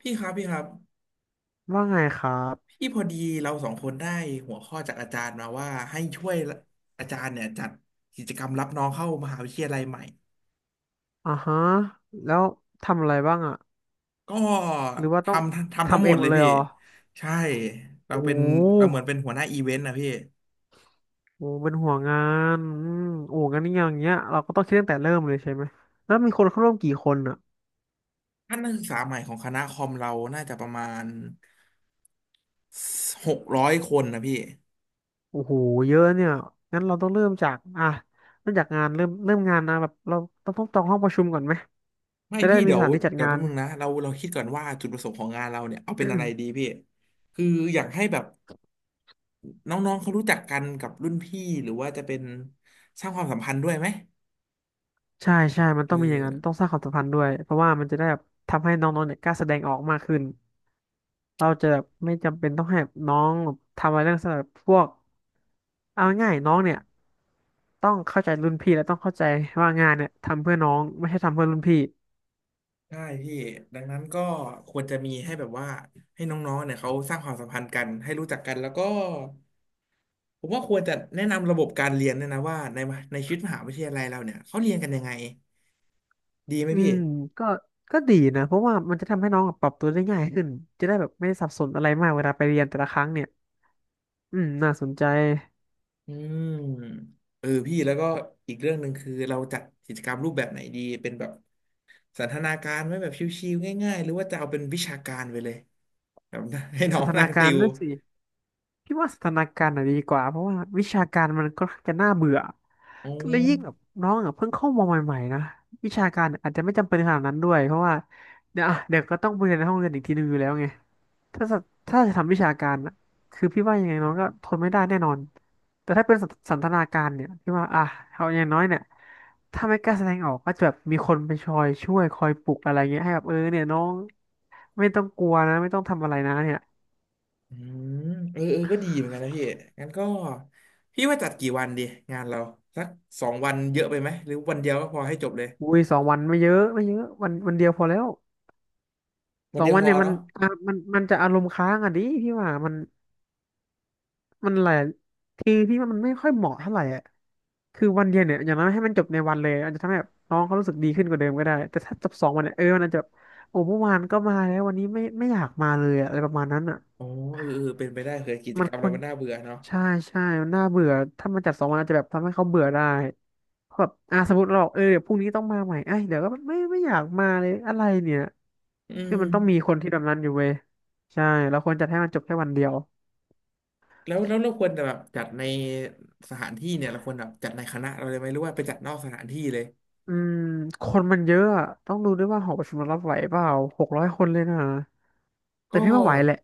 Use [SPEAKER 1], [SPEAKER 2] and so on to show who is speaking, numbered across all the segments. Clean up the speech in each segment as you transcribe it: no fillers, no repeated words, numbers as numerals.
[SPEAKER 1] พี่ครับพี่ครับ
[SPEAKER 2] ว่าไงครับ
[SPEAKER 1] พี่พอดีเราสองคนได้หัวข้อจากอาจารย์มาว่าให้ช่วยอาจารย์เนี่ยจัดกิจกรรมรับน้องเข้ามหาวิทยาลัยใหม่
[SPEAKER 2] อ่าฮะแล้วทำอะไรบ้างอะ
[SPEAKER 1] ก็
[SPEAKER 2] หรือว่า
[SPEAKER 1] ท
[SPEAKER 2] ต้อง
[SPEAKER 1] ทำทั้ง
[SPEAKER 2] ทำ
[SPEAKER 1] ห
[SPEAKER 2] เอ
[SPEAKER 1] ม
[SPEAKER 2] ง
[SPEAKER 1] ด
[SPEAKER 2] หม
[SPEAKER 1] เล
[SPEAKER 2] ด
[SPEAKER 1] ย
[SPEAKER 2] เลย
[SPEAKER 1] พี่
[SPEAKER 2] เหรอ
[SPEAKER 1] ใช่เรา
[SPEAKER 2] โอ้
[SPEAKER 1] เป็นเราเหมื
[SPEAKER 2] โห
[SPEAKER 1] อนเป็นหัวหน้าอีเวนต์นะพี่
[SPEAKER 2] โอ้เป็นห่วงานอืมโอ้งั้นอย่างเงี้ยเราก็ต้องคิดตั้งแต่เริ่มเลยใช่ไหมแล้วมีคนเข้าร่วมกี่คนอะ
[SPEAKER 1] ท่านนักศึกษาใหม่ของคณะคอมเราน่าจะประมาณ600 คนนะพี่
[SPEAKER 2] โอ้โหเยอะเนี่ยงั้นเราต้องเริ่มจากอ่ะเริ่มจากงานเริ่มงานนะแบบเราต้องจองห้องประชุมก่อนไหม
[SPEAKER 1] ไม่
[SPEAKER 2] จะได้
[SPEAKER 1] พี่
[SPEAKER 2] มี
[SPEAKER 1] เดี๋
[SPEAKER 2] ส
[SPEAKER 1] ยว
[SPEAKER 2] ถานที่จัด
[SPEAKER 1] เดี๋ยว
[SPEAKER 2] งา
[SPEAKER 1] แป๊
[SPEAKER 2] น
[SPEAKER 1] บนึงนะเราคิดก่อนว่าจุดประสงค์ของงานเราเนี่ยเอาเป็นอะไร ดี พี่คืออยากให้แบบ น้องๆเขารู้จักกันกับรุ่นพี่หรือว่าจะเป็นสร้างความสัมพันธ์ด้วยไหม
[SPEAKER 2] ใช่ใช่มัน
[SPEAKER 1] เอ
[SPEAKER 2] ต้องมีอย่างนั้นต้อ
[SPEAKER 1] อ
[SPEAKER 2] งสร้างความสัมพันธ์ด้วยเพราะว่ามันจะได้แบบทำให้น้องๆเนี่ยกล้าแสดงออกมากขึ้น เราจะแบบไม่จำเป็นต้องให้น้องทำอะไรเรื่องสำหรับพวกเอาง่ายๆน้องเนี่ยต้องเข้าใจรุ่นพี่และต้องเข้าใจว่างานเนี่ยทำเพื่อน้องไม่ใช่ทำเพื่อรุ่นพี่
[SPEAKER 1] ใช่พี่ดังนั้นก็ควรจะมีให้แบบว่าให้น้องๆเนี่ยเขาสร้างความสัมพันธ์กันให้รู้จักกันแล้วก็ผมว่าควรจะแนะนำระบบการเรียนเนี่ยนะว่าในชีวิตมหาวิทยาลัยเราเนี่ยเขาเรียนกันยังไงดีไหม
[SPEAKER 2] อื
[SPEAKER 1] พี่
[SPEAKER 2] มก็ก็ดีนะเพราะว่ามันจะทำให้น้องปรับตัวได้ง่ายขึ้นจะได้แบบไม่ได้สับสนอะไรมากเวลาไปเรียนแต่ละครั้งเนี่ยอืมน่าสนใจ
[SPEAKER 1] อืมเออพี่แล้วก็อีกเรื่องหนึ่งคือเราจัดกิจกรรมรูปแบบไหนดีเป็นแบบสันทนาการไหมแบบชิวๆง่ายๆหรือว่าจะเอาเป็นวิชาการไปเลย แบบให้ น้อ
[SPEAKER 2] สัน
[SPEAKER 1] ง
[SPEAKER 2] ท
[SPEAKER 1] นั่
[SPEAKER 2] นา
[SPEAKER 1] งติ
[SPEAKER 2] การ
[SPEAKER 1] ว
[SPEAKER 2] ด้วยสิ พี่ว่าสถานการณ์น่ะดีกว่าเพราะว่าวิชาการมันก็จะน่าเบื่อ
[SPEAKER 1] อ๋อ
[SPEAKER 2] และยิ่งแบบน้องอ่ะเพิ่งเข้ามาใหม่ๆนะวิชาการอาจจะไม่จำเป็นขนาดนั้นด้วยเพราะว่าเดี๋ยวอ่ะเดี๋ยวก็ต้องไปเรียนในห้องเรียนอีกทีนึงอยู่แล้วไงถ้าจะถ้าจะทำวิชาการน่ะคือพี่ว่ายังไงน้องก็ทนไม่ได้แน่นอนแต่ถ้าเป็นสันทนาการเนี่ยพี่ว่าอ่ะเอาอย่างน้อยเนี่ยถ้าไม่กล้าแสดงออกก็จะแบบมีคนไปชอยช่วยคอยปลุกอะไรเงี้ยให้แบบเออเนี่ยน้องไม่ต้องกลัวนะไม่ต้องทำอะไรนะเนี่ย
[SPEAKER 1] อืมเออเออก็ดีเหมือนกันนะพี่งั้นก็พี่ว่าจัดกี่วันดีงานเราสัก2 วันเยอะไปไหมหรือวันเดียวก็พอให้จบเลย
[SPEAKER 2] อุ้ย2 วันไม่เยอะไม่เยอะวันเดียวพอแล้ว
[SPEAKER 1] วั
[SPEAKER 2] ส
[SPEAKER 1] น
[SPEAKER 2] อง
[SPEAKER 1] เดียว
[SPEAKER 2] วัน
[SPEAKER 1] พอ
[SPEAKER 2] เนี่ยมัน
[SPEAKER 1] เนาะ
[SPEAKER 2] อ่ะมันมันจะอารมณ์ค้างอ่ะดิพี่ว่ามันหลายทีพี่ว่ามันไม่ค่อยเหมาะเท่าไหร่อ่ะคือวันเดียวเนี่ยอย่างน้อยให้มันจบในวันเลยอาจจะทำให้แบบน้องเขารู้สึกดีขึ้นกว่าเดิมก็ได้แต่ถ้าจบสองวันเนี่ยเออมันอาจจะแบบโอ้เมื่อวานก็มาแล้ววันนี้ไม่อยากมาเลยอะอะไรประมาณนั้นอ่ะ
[SPEAKER 1] อ๋อเออเออเป็นไปได้เคยกิจ
[SPEAKER 2] มั
[SPEAKER 1] ก
[SPEAKER 2] น
[SPEAKER 1] รรม
[SPEAKER 2] ค
[SPEAKER 1] เรา
[SPEAKER 2] วร
[SPEAKER 1] มันน่าเบื่อเนาะ
[SPEAKER 2] ใช่ใช่มันน่าเบื่อถ้ามันจัดสองวันอาจจะแบบทำให้เขาเบื่อได้เพราะแบบอ่ะสมมติเราบอกเออเดี๋ยวพรุ่งนี้ต้องมาใหม่ไอ้ยเดี๋ยวก็ไม่อยากมาเลยอะไรเนี่ย
[SPEAKER 1] อื
[SPEAKER 2] คื
[SPEAKER 1] ม
[SPEAKER 2] อมันต้องมีคนที่แบบนั้นอยู่เว้ยใช่แล้วควรจัดให้มันจบแค่วันเดียว
[SPEAKER 1] แล้วเราควรจะแบบจัดในสถานที่เนี่ยเราควรแบบจัดในคณะเราเลยไหมหรือว่าไปจัดนอกสถานที่เลย
[SPEAKER 2] อืมคนมันเยอะอะต้องดูด้วยว่าหอประชุมมันรับไหวเปล่า600 คนเลยนะแต่
[SPEAKER 1] ก็
[SPEAKER 2] พี่ว่าไหวแหละ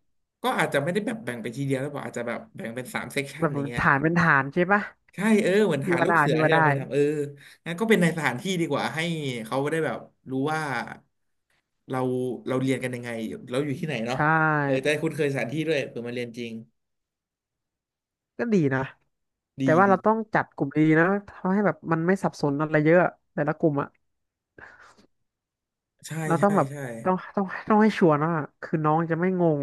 [SPEAKER 1] ก็อาจจะไม่ได้แบบแบ่งไปทีเดียวหรือเปล่าอาจจะแบบแบ่งเป็นสามเซกชั
[SPEAKER 2] แบ
[SPEAKER 1] น
[SPEAKER 2] บ
[SPEAKER 1] อย่างเงี้ย
[SPEAKER 2] ฐานเป็นฐานใช่ปะ
[SPEAKER 1] ใช่เออเหมือน
[SPEAKER 2] พี่
[SPEAKER 1] หา
[SPEAKER 2] ว่า
[SPEAKER 1] ลูก
[SPEAKER 2] ได้
[SPEAKER 1] เสือ
[SPEAKER 2] พี่
[SPEAKER 1] ที่
[SPEAKER 2] ว่า
[SPEAKER 1] เรา
[SPEAKER 2] ได้
[SPEAKER 1] เคยทำเอองั้นก็เป็นในสถานที่ดีกว่าให้เขาได้แบบรู้ว่าเราเราเรียนกันยังไงเราอยู่ที่ไหน
[SPEAKER 2] ใช
[SPEAKER 1] เนาะเออจะ
[SPEAKER 2] ่
[SPEAKER 1] ได้คุ้นเคยสถานที่ด้วยเผื่อมาเรียนจริง
[SPEAKER 2] ก็ดีนะแต่
[SPEAKER 1] ดี
[SPEAKER 2] ว่าเรา
[SPEAKER 1] ดี
[SPEAKER 2] ต้องจัดกลุ่มดีๆนะทำให้แบบมันไม่สับสนอะไรเยอะแต่ละกลุ่มอะ
[SPEAKER 1] ใช่
[SPEAKER 2] เราต้อ
[SPEAKER 1] ใช่
[SPEAKER 2] งแบบ
[SPEAKER 1] ใช่
[SPEAKER 2] ต้องให้ชัวร์นะคือน้องจะไม่งง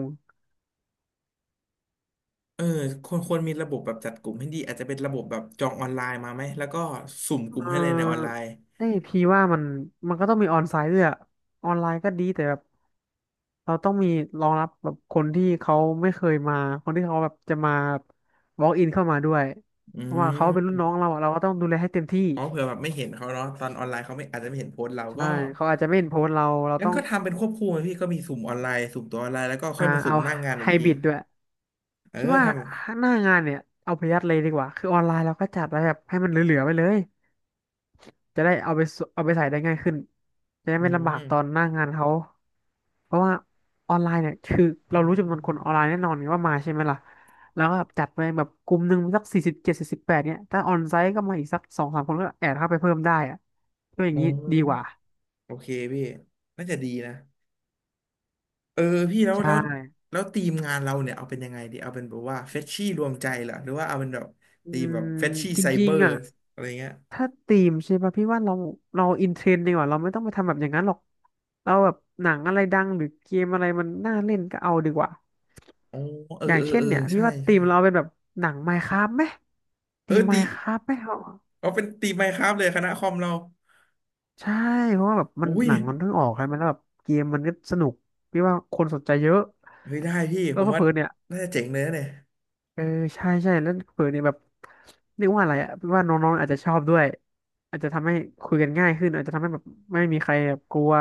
[SPEAKER 1] เออควรมีระบบแบบจัดกลุ่มให้ดีอาจจะเป็นระบบแบบจองออนไลน์มาไหมแล้วก็สุ่ม
[SPEAKER 2] เอ
[SPEAKER 1] ก
[SPEAKER 2] อ
[SPEAKER 1] ลุ่มให้เลยในออนไลน์
[SPEAKER 2] ไอยพี่ว่ามันก็ต้องมีออนไซต์ด้วยอะออนไลน์ก็ดีแต่แบบ เราต้องมีรองรับแบบคนที่เขาไม่เคยมาคนที่เขาแบบจะมาบ walk in เข้ามาด้วย
[SPEAKER 1] อื
[SPEAKER 2] เพราะว่าเขาเป็นรุ่น
[SPEAKER 1] ม
[SPEAKER 2] น้องเราอะเราก็ต้องดูแลให้เต็มที่
[SPEAKER 1] อ๋อเผื่อแบบไม่เห็นเขาเนาะตอนออนไลน์เขาไม่อาจจะไม่เห็นโพสต์เรา
[SPEAKER 2] ใช่
[SPEAKER 1] ก็
[SPEAKER 2] เขาอาจจะไม่เห็นโพสต์เราเรา
[SPEAKER 1] งั้น
[SPEAKER 2] ต้อง
[SPEAKER 1] ก็ทำเป็นควบคู่ไปพี่ก็มีสุ่มออนไลน์สุ่มตัวออนไลน์แล้วก็ค่
[SPEAKER 2] อ่า
[SPEAKER 1] อยมาสุ่
[SPEAKER 2] เอา
[SPEAKER 1] มหน้างาน
[SPEAKER 2] ไฮ
[SPEAKER 1] อีกที
[SPEAKER 2] บริดด้วย
[SPEAKER 1] เออ
[SPEAKER 2] พี่ว่า
[SPEAKER 1] ทำ
[SPEAKER 2] หน้างานเนี่ยเอาไปยัดเลยดีกว่าคือออนไลน์เราก็จัดไว้แบบให้มันเหลือๆไปเลยจะได้เอาไปใส่ได้ง่ายขึ้นจะได้
[SPEAKER 1] อื
[SPEAKER 2] ไม่ลำบา
[SPEAKER 1] ม
[SPEAKER 2] กตอนหน้างานเขา เพราะว่าออนไลน์เนี่ยคือเรารู้จำนวนคนออนไลน์แน่นอนว่ามาใช่ไหมล่ะ แล้วก็จัดไปแบบกลุ่มหนึ่งสัก4078เนี่ยถ้าออนไซต์ก็มาอีกสักสองสามคนก็แอดเข้าไปเพิ่มได้อะก็อย่าง
[SPEAKER 1] อ๋
[SPEAKER 2] นี้ดีกว่า
[SPEAKER 1] อโอเคพี่น่าจะดีนะเออพี่แล้ว
[SPEAKER 2] ใช่
[SPEAKER 1] แล้วแล้วทีมงานเราเนี่ยเอาเป็นยังไงดีเอาเป็นแบบว่าเฟชชี่รวมใจเหรอหรือว่าเอาเป็นแบบ
[SPEAKER 2] อื
[SPEAKER 1] ทีม
[SPEAKER 2] ม
[SPEAKER 1] แบบเฟชชี่
[SPEAKER 2] จ
[SPEAKER 1] ไซเบ
[SPEAKER 2] ริ
[SPEAKER 1] อ
[SPEAKER 2] งๆ
[SPEAKER 1] ร์
[SPEAKER 2] อ่ะ
[SPEAKER 1] อะไรเงี้ย
[SPEAKER 2] ถ้าธีมใช่ป่ะพี่ว่าเราอินเทรนด์ดีกว่าเราไม่ต้องไปทำแบบอย่างนั้นหรอกเราแบบหนังอะไรดังหรือเกมอะไรมันน่าเล่นก็เอาดีกว่า
[SPEAKER 1] อ๋อเออ
[SPEAKER 2] อย่าง
[SPEAKER 1] เออ
[SPEAKER 2] เช่น
[SPEAKER 1] เออ
[SPEAKER 2] เนี่ยพี่
[SPEAKER 1] ใช่
[SPEAKER 2] ว่าธี
[SPEAKER 1] ใช่
[SPEAKER 2] มเราเป็นแบบหนัง Minecraft ไหม
[SPEAKER 1] เอ
[SPEAKER 2] ธี
[SPEAKER 1] อ
[SPEAKER 2] ม
[SPEAKER 1] ตี
[SPEAKER 2] Minecraft ไหม
[SPEAKER 1] เอาเป็นตีมไมน์คราฟเลยคณะคอมเรา
[SPEAKER 2] ใช่เพราะว่าแบบมัน
[SPEAKER 1] อุ้ย
[SPEAKER 2] หนังมันเพิ่งออกใช่ไหมแล้วแบบเกมมันก็สนุกพี่ว่าคนสนใจเยอะ
[SPEAKER 1] เฮ้ยได้พี่
[SPEAKER 2] แล้
[SPEAKER 1] ผ
[SPEAKER 2] ว
[SPEAKER 1] มว่า
[SPEAKER 2] เพื่อๆเนี่ย
[SPEAKER 1] น่าจะเจ๋งเลยนะเนี่ย
[SPEAKER 2] เออใช่ใช่แล้วเพื่อเนี่ยแบบเรียกว่าอะไรอ่ะพี่ว่าน้องๆอาจจะชอบด้วยอาจจะทำให้คุยกันง่ายขึ้นอาจจะทำให้แบบไม่มีใครแบบกลัว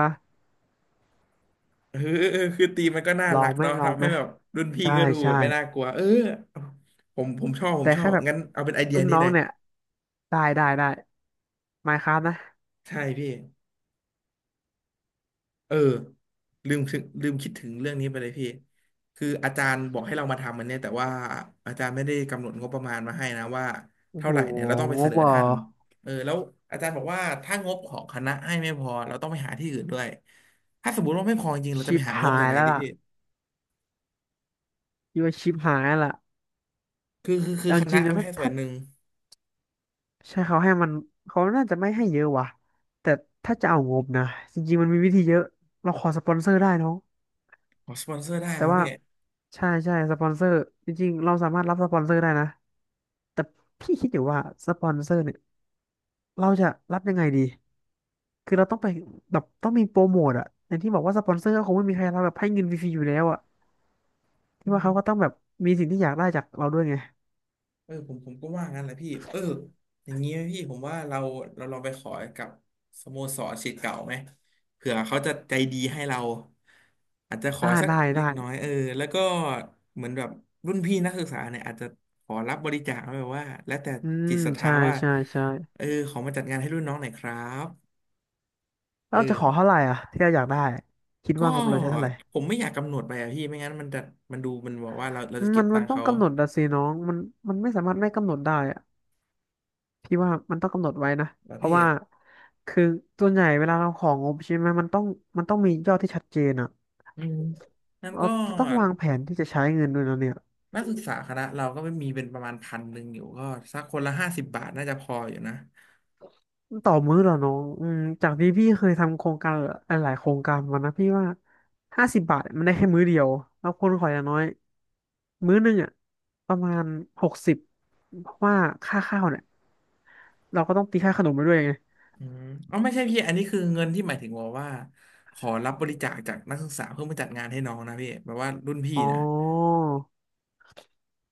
[SPEAKER 1] เออเออเออคือตีมมันก็น่า
[SPEAKER 2] ลอ
[SPEAKER 1] รั
[SPEAKER 2] ง
[SPEAKER 1] ก
[SPEAKER 2] ไหม
[SPEAKER 1] เนาะ
[SPEAKER 2] ลอง
[SPEAKER 1] ทำให้
[SPEAKER 2] ไหม
[SPEAKER 1] แบบรุ่นพี่
[SPEAKER 2] ได้
[SPEAKER 1] ก็ดูแบ
[SPEAKER 2] ใช่
[SPEAKER 1] บไม่น่ากลัวเออผมชอบผม
[SPEAKER 2] แต่
[SPEAKER 1] ชอ
[SPEAKER 2] แค่
[SPEAKER 1] บ
[SPEAKER 2] แบบ
[SPEAKER 1] งั้นเอาเป็นไอเดีย
[SPEAKER 2] รุ่น
[SPEAKER 1] นี้
[SPEAKER 2] น้อ
[SPEAKER 1] เล
[SPEAKER 2] ง
[SPEAKER 1] ย
[SPEAKER 2] เนี่ยได้ได้ได้ไมน์คราฟนะ
[SPEAKER 1] ใช่พี่ เออลืมคิดถึงเรื่องนี้ไปเลยพี่คืออาจารย์บอกให้เรามาทำมันเนี่ยแต่ว่าอาจารย์ไม่ได้กำหนดงบประมาณมาให้นะว่า
[SPEAKER 2] โอ้
[SPEAKER 1] เท่า
[SPEAKER 2] โห
[SPEAKER 1] ไหร่เนี่ยเราต้องไป
[SPEAKER 2] ง
[SPEAKER 1] เส
[SPEAKER 2] บ
[SPEAKER 1] นอ
[SPEAKER 2] เหรอ
[SPEAKER 1] ท่านเออแล้วอาจารย์บอกว่าถ้างบของคณะให้ไม่พอเราต้องไปหาที่อื่นด้วยถ้าสมมติว่าไม่พอจริงเราจะ
[SPEAKER 2] ชิ
[SPEAKER 1] ไป
[SPEAKER 2] ป
[SPEAKER 1] หางบ
[SPEAKER 2] หา
[SPEAKER 1] จาก
[SPEAKER 2] ย
[SPEAKER 1] ไหน
[SPEAKER 2] แล้ว
[SPEAKER 1] ดิ
[SPEAKER 2] ล่ะ
[SPEAKER 1] พี่
[SPEAKER 2] พี่ว่าชิปหายแล้วล่ะ
[SPEAKER 1] คือ
[SPEAKER 2] เอา
[SPEAKER 1] ค
[SPEAKER 2] จ
[SPEAKER 1] ณะ
[SPEAKER 2] ริงนะ
[SPEAKER 1] ไม่
[SPEAKER 2] ถ้า
[SPEAKER 1] ให้ส่ว
[SPEAKER 2] ถ้า
[SPEAKER 1] นหนึ่ง
[SPEAKER 2] ใช่เขาให้มันเขาน่าจะไม่ให้เยอะว่ะแต่ถ้าจะเอางบนะจริงๆมันมีวิธีเยอะเราขอสปอนเซอร์ได้น้อง
[SPEAKER 1] ขอสปอนเซอร์ได้ค
[SPEAKER 2] แต่
[SPEAKER 1] รับ
[SPEAKER 2] ว่า
[SPEAKER 1] พี่
[SPEAKER 2] ใช่ใช่สปอนเซอร์จริงๆเราสามารถรับสปอนเซอร์ได้นะแต่พี่คิดอยู่ว่าสปอนเซอร์เนี่ยเราจะรับยังไงดีคือเราต้องไปแบบต้องมีโปรโมทอะอย่างที่บอกว่าสปอนเซอร์ก็คงไม่มีใครรับแบบให้เงินฟรีๆอยู่แล้วอะที่ว่าเขาก็ต้องแบบมีสิ่งที่อยากได้จากเราด้วยไง
[SPEAKER 1] เออผมก็ว่างั้นแหละพี่เอออย่างนี้ไหมพี่ผมว่าเราลองไปขอกับสโมสรศิษย์เก่าไหมเผื่อเขาจะใจดีให้เราอาจจะขอ
[SPEAKER 2] อ่า
[SPEAKER 1] สัก
[SPEAKER 2] ได้
[SPEAKER 1] เล็
[SPEAKER 2] ได้
[SPEAKER 1] กน้อยเออแล้วก็เหมือนแบบรุ่นพี่นักศึกษาเนี่ยอาจจะขอรับบริจาคไว้แบบว่าแล้วแต่
[SPEAKER 2] อืม
[SPEAKER 1] จิตศรัทธา
[SPEAKER 2] ใช่
[SPEAKER 1] ว่า
[SPEAKER 2] ใช่ใช่
[SPEAKER 1] เออขอมาจัดงานให้รุ่นน้องหน่อยครับ
[SPEAKER 2] แล้
[SPEAKER 1] เอ
[SPEAKER 2] วเราจะขอเท่า
[SPEAKER 1] อ
[SPEAKER 2] ไหร่อ่ะที่เราอยากได้คิด
[SPEAKER 1] ก็
[SPEAKER 2] ว่างบเราใช้เท่าไหร่
[SPEAKER 1] ผมไม่อยากกำหนดไปอะพี่ไม่งั้นมันจะมันดูมันบอกว่าเราจะเก็
[SPEAKER 2] มั
[SPEAKER 1] บ
[SPEAKER 2] น
[SPEAKER 1] ตั
[SPEAKER 2] มั
[SPEAKER 1] ง
[SPEAKER 2] น
[SPEAKER 1] ค์
[SPEAKER 2] ต้อง
[SPEAKER 1] เขา
[SPEAKER 2] กำหนดอะสิน้องมันไม่สามารถไม่กำหนดได้อะพี่ว่ามันต้องกำหนดไว้นะ
[SPEAKER 1] แล้
[SPEAKER 2] เพ
[SPEAKER 1] พี่
[SPEAKER 2] ราะว่าคือส่วนใหญ่เวลาเราของงบใช่ไหมมันต้องมียอดที่ชัดเจนอะ
[SPEAKER 1] อืมงั้น
[SPEAKER 2] เรา
[SPEAKER 1] ก็
[SPEAKER 2] ต้องวางแผนที่จะใช้เงินด้วยนะเนี่ย
[SPEAKER 1] นักศึกษาคณะเราก็ไม่มีเป็นประมาณพันหนึ่งอยู่ก็สักคนละ50 บาทน่าจะพออยู่นะ
[SPEAKER 2] ต่อมื้อเหรอน้องอืมจากที่พี่เคยทำโครงการหลายๆโครงการมานะพี่ว่า50 บาทมันได้แค่มื้อเดียวแล้วคนขออย่างน้อยมื้อหนึงอะประมาณ60เพราะว่าค่าข้าวเนี่ยเราก็ต้องตีค่าขนมไปด้วยไง
[SPEAKER 1] อืมอ๋อไม่ใช่พี่อันนี้คือเงินที่หมายถึงว่าขอรับบริจาคจากนักศึกษาเพื่อมาจัดงานให้น้องนะพี่แบบว่ารุ่นพี่
[SPEAKER 2] อ๋
[SPEAKER 1] นะ
[SPEAKER 2] อ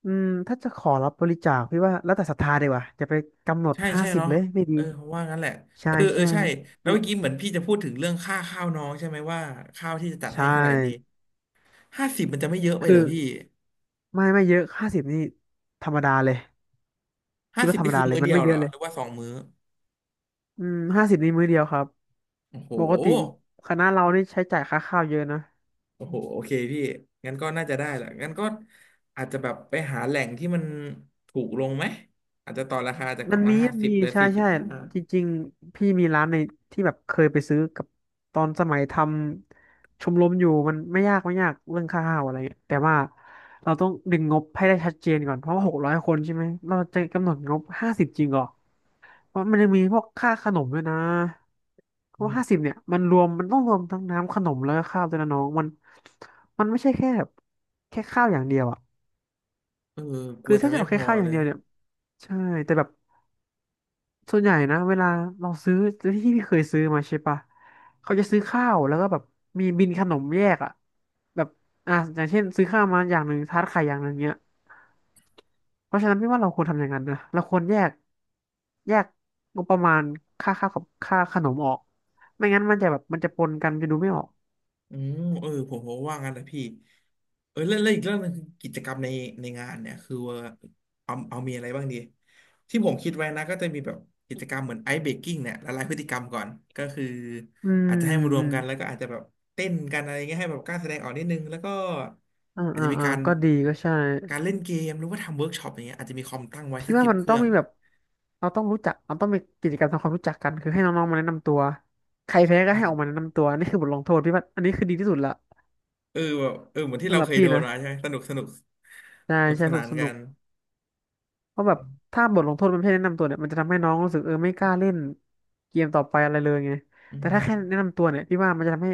[SPEAKER 2] อืมถ้าจะขอรับบริจาคพี่ว่าแล้วแต่ศรัทธาดีกว่าจะไปกำหนด
[SPEAKER 1] ใช่
[SPEAKER 2] ห้า
[SPEAKER 1] ใช่
[SPEAKER 2] สิบ
[SPEAKER 1] เนาะ
[SPEAKER 2] เลยไม่ดี
[SPEAKER 1] เออผมว่างั้นแหละ
[SPEAKER 2] ใช่
[SPEAKER 1] เออเออ
[SPEAKER 2] ใช่
[SPEAKER 1] ใช่แล้วเมื่อกี้เหมือนพี่จะพูดถึงเรื่องค่าข้าวน้องใช่ไหมว่าข้าวที่จะจัด
[SPEAKER 2] ใช่
[SPEAKER 1] ให้เท่าไหร่ดีห้าสิบมันจะไม่เยอะไปเห
[SPEAKER 2] คื
[SPEAKER 1] รอ
[SPEAKER 2] อ
[SPEAKER 1] พี่
[SPEAKER 2] ไม่ไม่เยอะห้าสิบนี่ธรรมดาเลย
[SPEAKER 1] ห้า
[SPEAKER 2] พี่
[SPEAKER 1] สิ
[SPEAKER 2] ว่า
[SPEAKER 1] บ
[SPEAKER 2] ธรรม
[SPEAKER 1] นี่คื
[SPEAKER 2] ดา
[SPEAKER 1] อ
[SPEAKER 2] เลย
[SPEAKER 1] มื้อ
[SPEAKER 2] มั
[SPEAKER 1] เดี
[SPEAKER 2] น
[SPEAKER 1] ย
[SPEAKER 2] ไม่
[SPEAKER 1] ว
[SPEAKER 2] เย
[SPEAKER 1] เหรอ
[SPEAKER 2] อะเล
[SPEAKER 1] ห
[SPEAKER 2] ย
[SPEAKER 1] รือว่า2 มื้อ
[SPEAKER 2] อืมห้าสิบนี่มื้อเดียวครับ
[SPEAKER 1] โอ้โห
[SPEAKER 2] ปกติคณะเรานี่ใช้จ่ายค่าข้าวเยอะนะ
[SPEAKER 1] โอ้โหโอเคพี่ งั้นก็น่าจะได้แหละงั้นก็อาจจะแบบไปหาแหล่งที่มันถูกลงไหม อาจจะต่อราคาจากก
[SPEAKER 2] มั
[SPEAKER 1] ล่อ
[SPEAKER 2] น
[SPEAKER 1] งละ
[SPEAKER 2] มี
[SPEAKER 1] ห้า
[SPEAKER 2] มัน
[SPEAKER 1] สิบ
[SPEAKER 2] มี
[SPEAKER 1] หรือ
[SPEAKER 2] ใช่
[SPEAKER 1] สี่สิบ
[SPEAKER 2] ใช่
[SPEAKER 1] ห้า
[SPEAKER 2] จริงๆพี่มีร้านในที่แบบเคยไปซื้อกับตอนสมัยทำชมรมอยู่มันไม่ยากไม่ยากเรื่องค่าข้าวอะไรเงี้ยแต่ว่าเราต้องดึงงบให้ได้ชัดเจนก่อนเพราะว่า600 คนใช่ไหมเราจะกำหนดงบห้าสิบจริงเหรอเพราะมันยังมีพวกค่าขนมด้วยนะเพราะห้าสิบเนี่ยมันต้องรวมทั้งน้ำขนมแล้วก็ข้าวด้วยนะน้องมันมันไม่ใช่แค่แบบแค่ข้าวอย่างเดียวอ่ะ
[SPEAKER 1] เออกลั
[SPEAKER 2] คื
[SPEAKER 1] ว
[SPEAKER 2] อ
[SPEAKER 1] จะ
[SPEAKER 2] ถ้าจะ
[SPEAKER 1] ไม่
[SPEAKER 2] เอา
[SPEAKER 1] พ
[SPEAKER 2] แค่
[SPEAKER 1] อ
[SPEAKER 2] ข้าวอ
[SPEAKER 1] เล
[SPEAKER 2] ย่าง
[SPEAKER 1] ย
[SPEAKER 2] เดียวเนี่ยใช่แต่แบบ ส่วนใหญ่นะเวลาเราซื้อที่พี่เคยซื้อมาใช่ปะเขาจะซื้อข้าวแล้วก็แบบมีบินขนมแยกอ่ะแบบอ่ะอย่างเช่นซื้อข้าวมาอย่างหนึ่งทาร์ตไข่อย่างหนึ่งเนี้ยเพราะฉะนั้นพี่ว่าเราควรทำอย่างนั้นนะเราควรแยกงบประมาณค่าข้าวกับค่าขนมออกไม่งั้นมันจะแบบมันจะปนกันมันจะดูไม่ออก
[SPEAKER 1] อืมเออผมว่างั้นนะพี่เออเรื่องอีกเรื่องหนึงคือกิจกรรมในในงานเนี่ยคือว่าเอามีอะไรบ้างดีที่ผมคิดไว้นะก็จะมีแบบกิจกรรมเหมือนไอซ์เบรกกิ้งเนี่ยละลายพฤติกรรมก่อนก็คือ
[SPEAKER 2] อืม
[SPEAKER 1] อาจจะให้มารว
[SPEAKER 2] อื
[SPEAKER 1] ม
[SPEAKER 2] ม
[SPEAKER 1] กันแล้วก็อาจจะแบบเต้นกันอะไรเงี้ยให้แบบกล้าแสดงออกนิดนึงแล้วก็
[SPEAKER 2] อ่า
[SPEAKER 1] อาจ
[SPEAKER 2] อ่า
[SPEAKER 1] จะมี
[SPEAKER 2] อ่า
[SPEAKER 1] การ
[SPEAKER 2] ก็ดีก็ใช่
[SPEAKER 1] การเล่นเกมหรือว่าทำเวิร์กช็อปอย่างเงี้ยอาจจะมีคอมตั้งไว้
[SPEAKER 2] พี่
[SPEAKER 1] สัก
[SPEAKER 2] ว่า
[SPEAKER 1] สิบ
[SPEAKER 2] มัน
[SPEAKER 1] เค
[SPEAKER 2] ต้
[SPEAKER 1] รื่
[SPEAKER 2] อง
[SPEAKER 1] อง
[SPEAKER 2] มีแบบเราต้องมีกิจกรรมทำความรู้จักกันคือให้น้องๆมาแนะนำตัวใครแพ้ก็
[SPEAKER 1] ใช่
[SPEAKER 2] ให้ออกมาแนะนำตัวนี่คือบทลงโทษพี่ว่าอันนี้คือดีที่สุดละ
[SPEAKER 1] เออแบบเออเหมือนที่
[SPEAKER 2] สำ
[SPEAKER 1] เรา
[SPEAKER 2] หรั
[SPEAKER 1] เค
[SPEAKER 2] บ
[SPEAKER 1] ย
[SPEAKER 2] พี่
[SPEAKER 1] โดน
[SPEAKER 2] นะ
[SPEAKER 1] มาใช่ไหมสนุก
[SPEAKER 2] ใช่ใช่
[SPEAKER 1] ส
[SPEAKER 2] ส
[SPEAKER 1] นา
[SPEAKER 2] นุก
[SPEAKER 1] น
[SPEAKER 2] ส
[SPEAKER 1] กั
[SPEAKER 2] นุก
[SPEAKER 1] น
[SPEAKER 2] เพราะแบบถ้าบทลงโทษมันไม่ให้แนะนำตัวเนี่ยมันจะทำให้น้องรู้สึกเออไม่กล้าเล่นเกมต่อไปอะไรเลยไง
[SPEAKER 1] อื
[SPEAKER 2] แต่
[SPEAKER 1] ม
[SPEAKER 2] ถ้าแค่แนะนำตัวเนี่ยพี่ว่ามันจะทำให้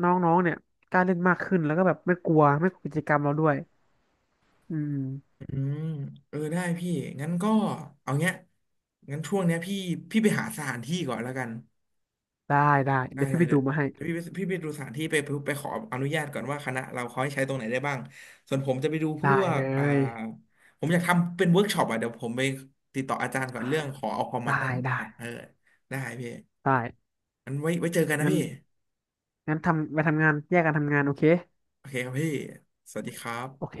[SPEAKER 2] น้องๆเนี่ยกล้าเล่นมากขึ้นแล้วก็แบบไม่กลัวไม่กลัวกิจกรรมเราด้วยอืม
[SPEAKER 1] อืมเออได้พี่งั้นก็เอาเงี้ยงั้นช่วงเนี้ยพี่ไปหาสถานที่ก่อนแล้วกัน
[SPEAKER 2] ได้ได้
[SPEAKER 1] ได้
[SPEAKER 2] เดี๋ยว
[SPEAKER 1] เล
[SPEAKER 2] พี่
[SPEAKER 1] ย
[SPEAKER 2] ไปดูมาให้
[SPEAKER 1] เดี๋ยวพี่ไปพี่ไปดูสถานที่ไปขออนุญาตก่อนว่าคณะเราเขาให้ใช้ตรงไหนได้บ้างส่วนผมจะไปดูพ
[SPEAKER 2] ได้
[SPEAKER 1] ว
[SPEAKER 2] เล
[SPEAKER 1] กอ่า
[SPEAKER 2] ย
[SPEAKER 1] ผมอยากทำเป็นเวิร์กช็อปอ่ะเดี๋ยวผมไปติดต่ออาจารย์ก่อนเรื่องขอเอาคอมมา
[SPEAKER 2] ได้
[SPEAKER 1] ตั้ง
[SPEAKER 2] ได้
[SPEAKER 1] อ่ะเออได้พี่
[SPEAKER 2] ได้
[SPEAKER 1] งั้นไว้เจอกันนะ
[SPEAKER 2] งั้น
[SPEAKER 1] พี่
[SPEAKER 2] งั้นทำไปทำงานแยกกันทำงานโอเค
[SPEAKER 1] โอเคครับพี่สวัสดีครับ
[SPEAKER 2] โอเค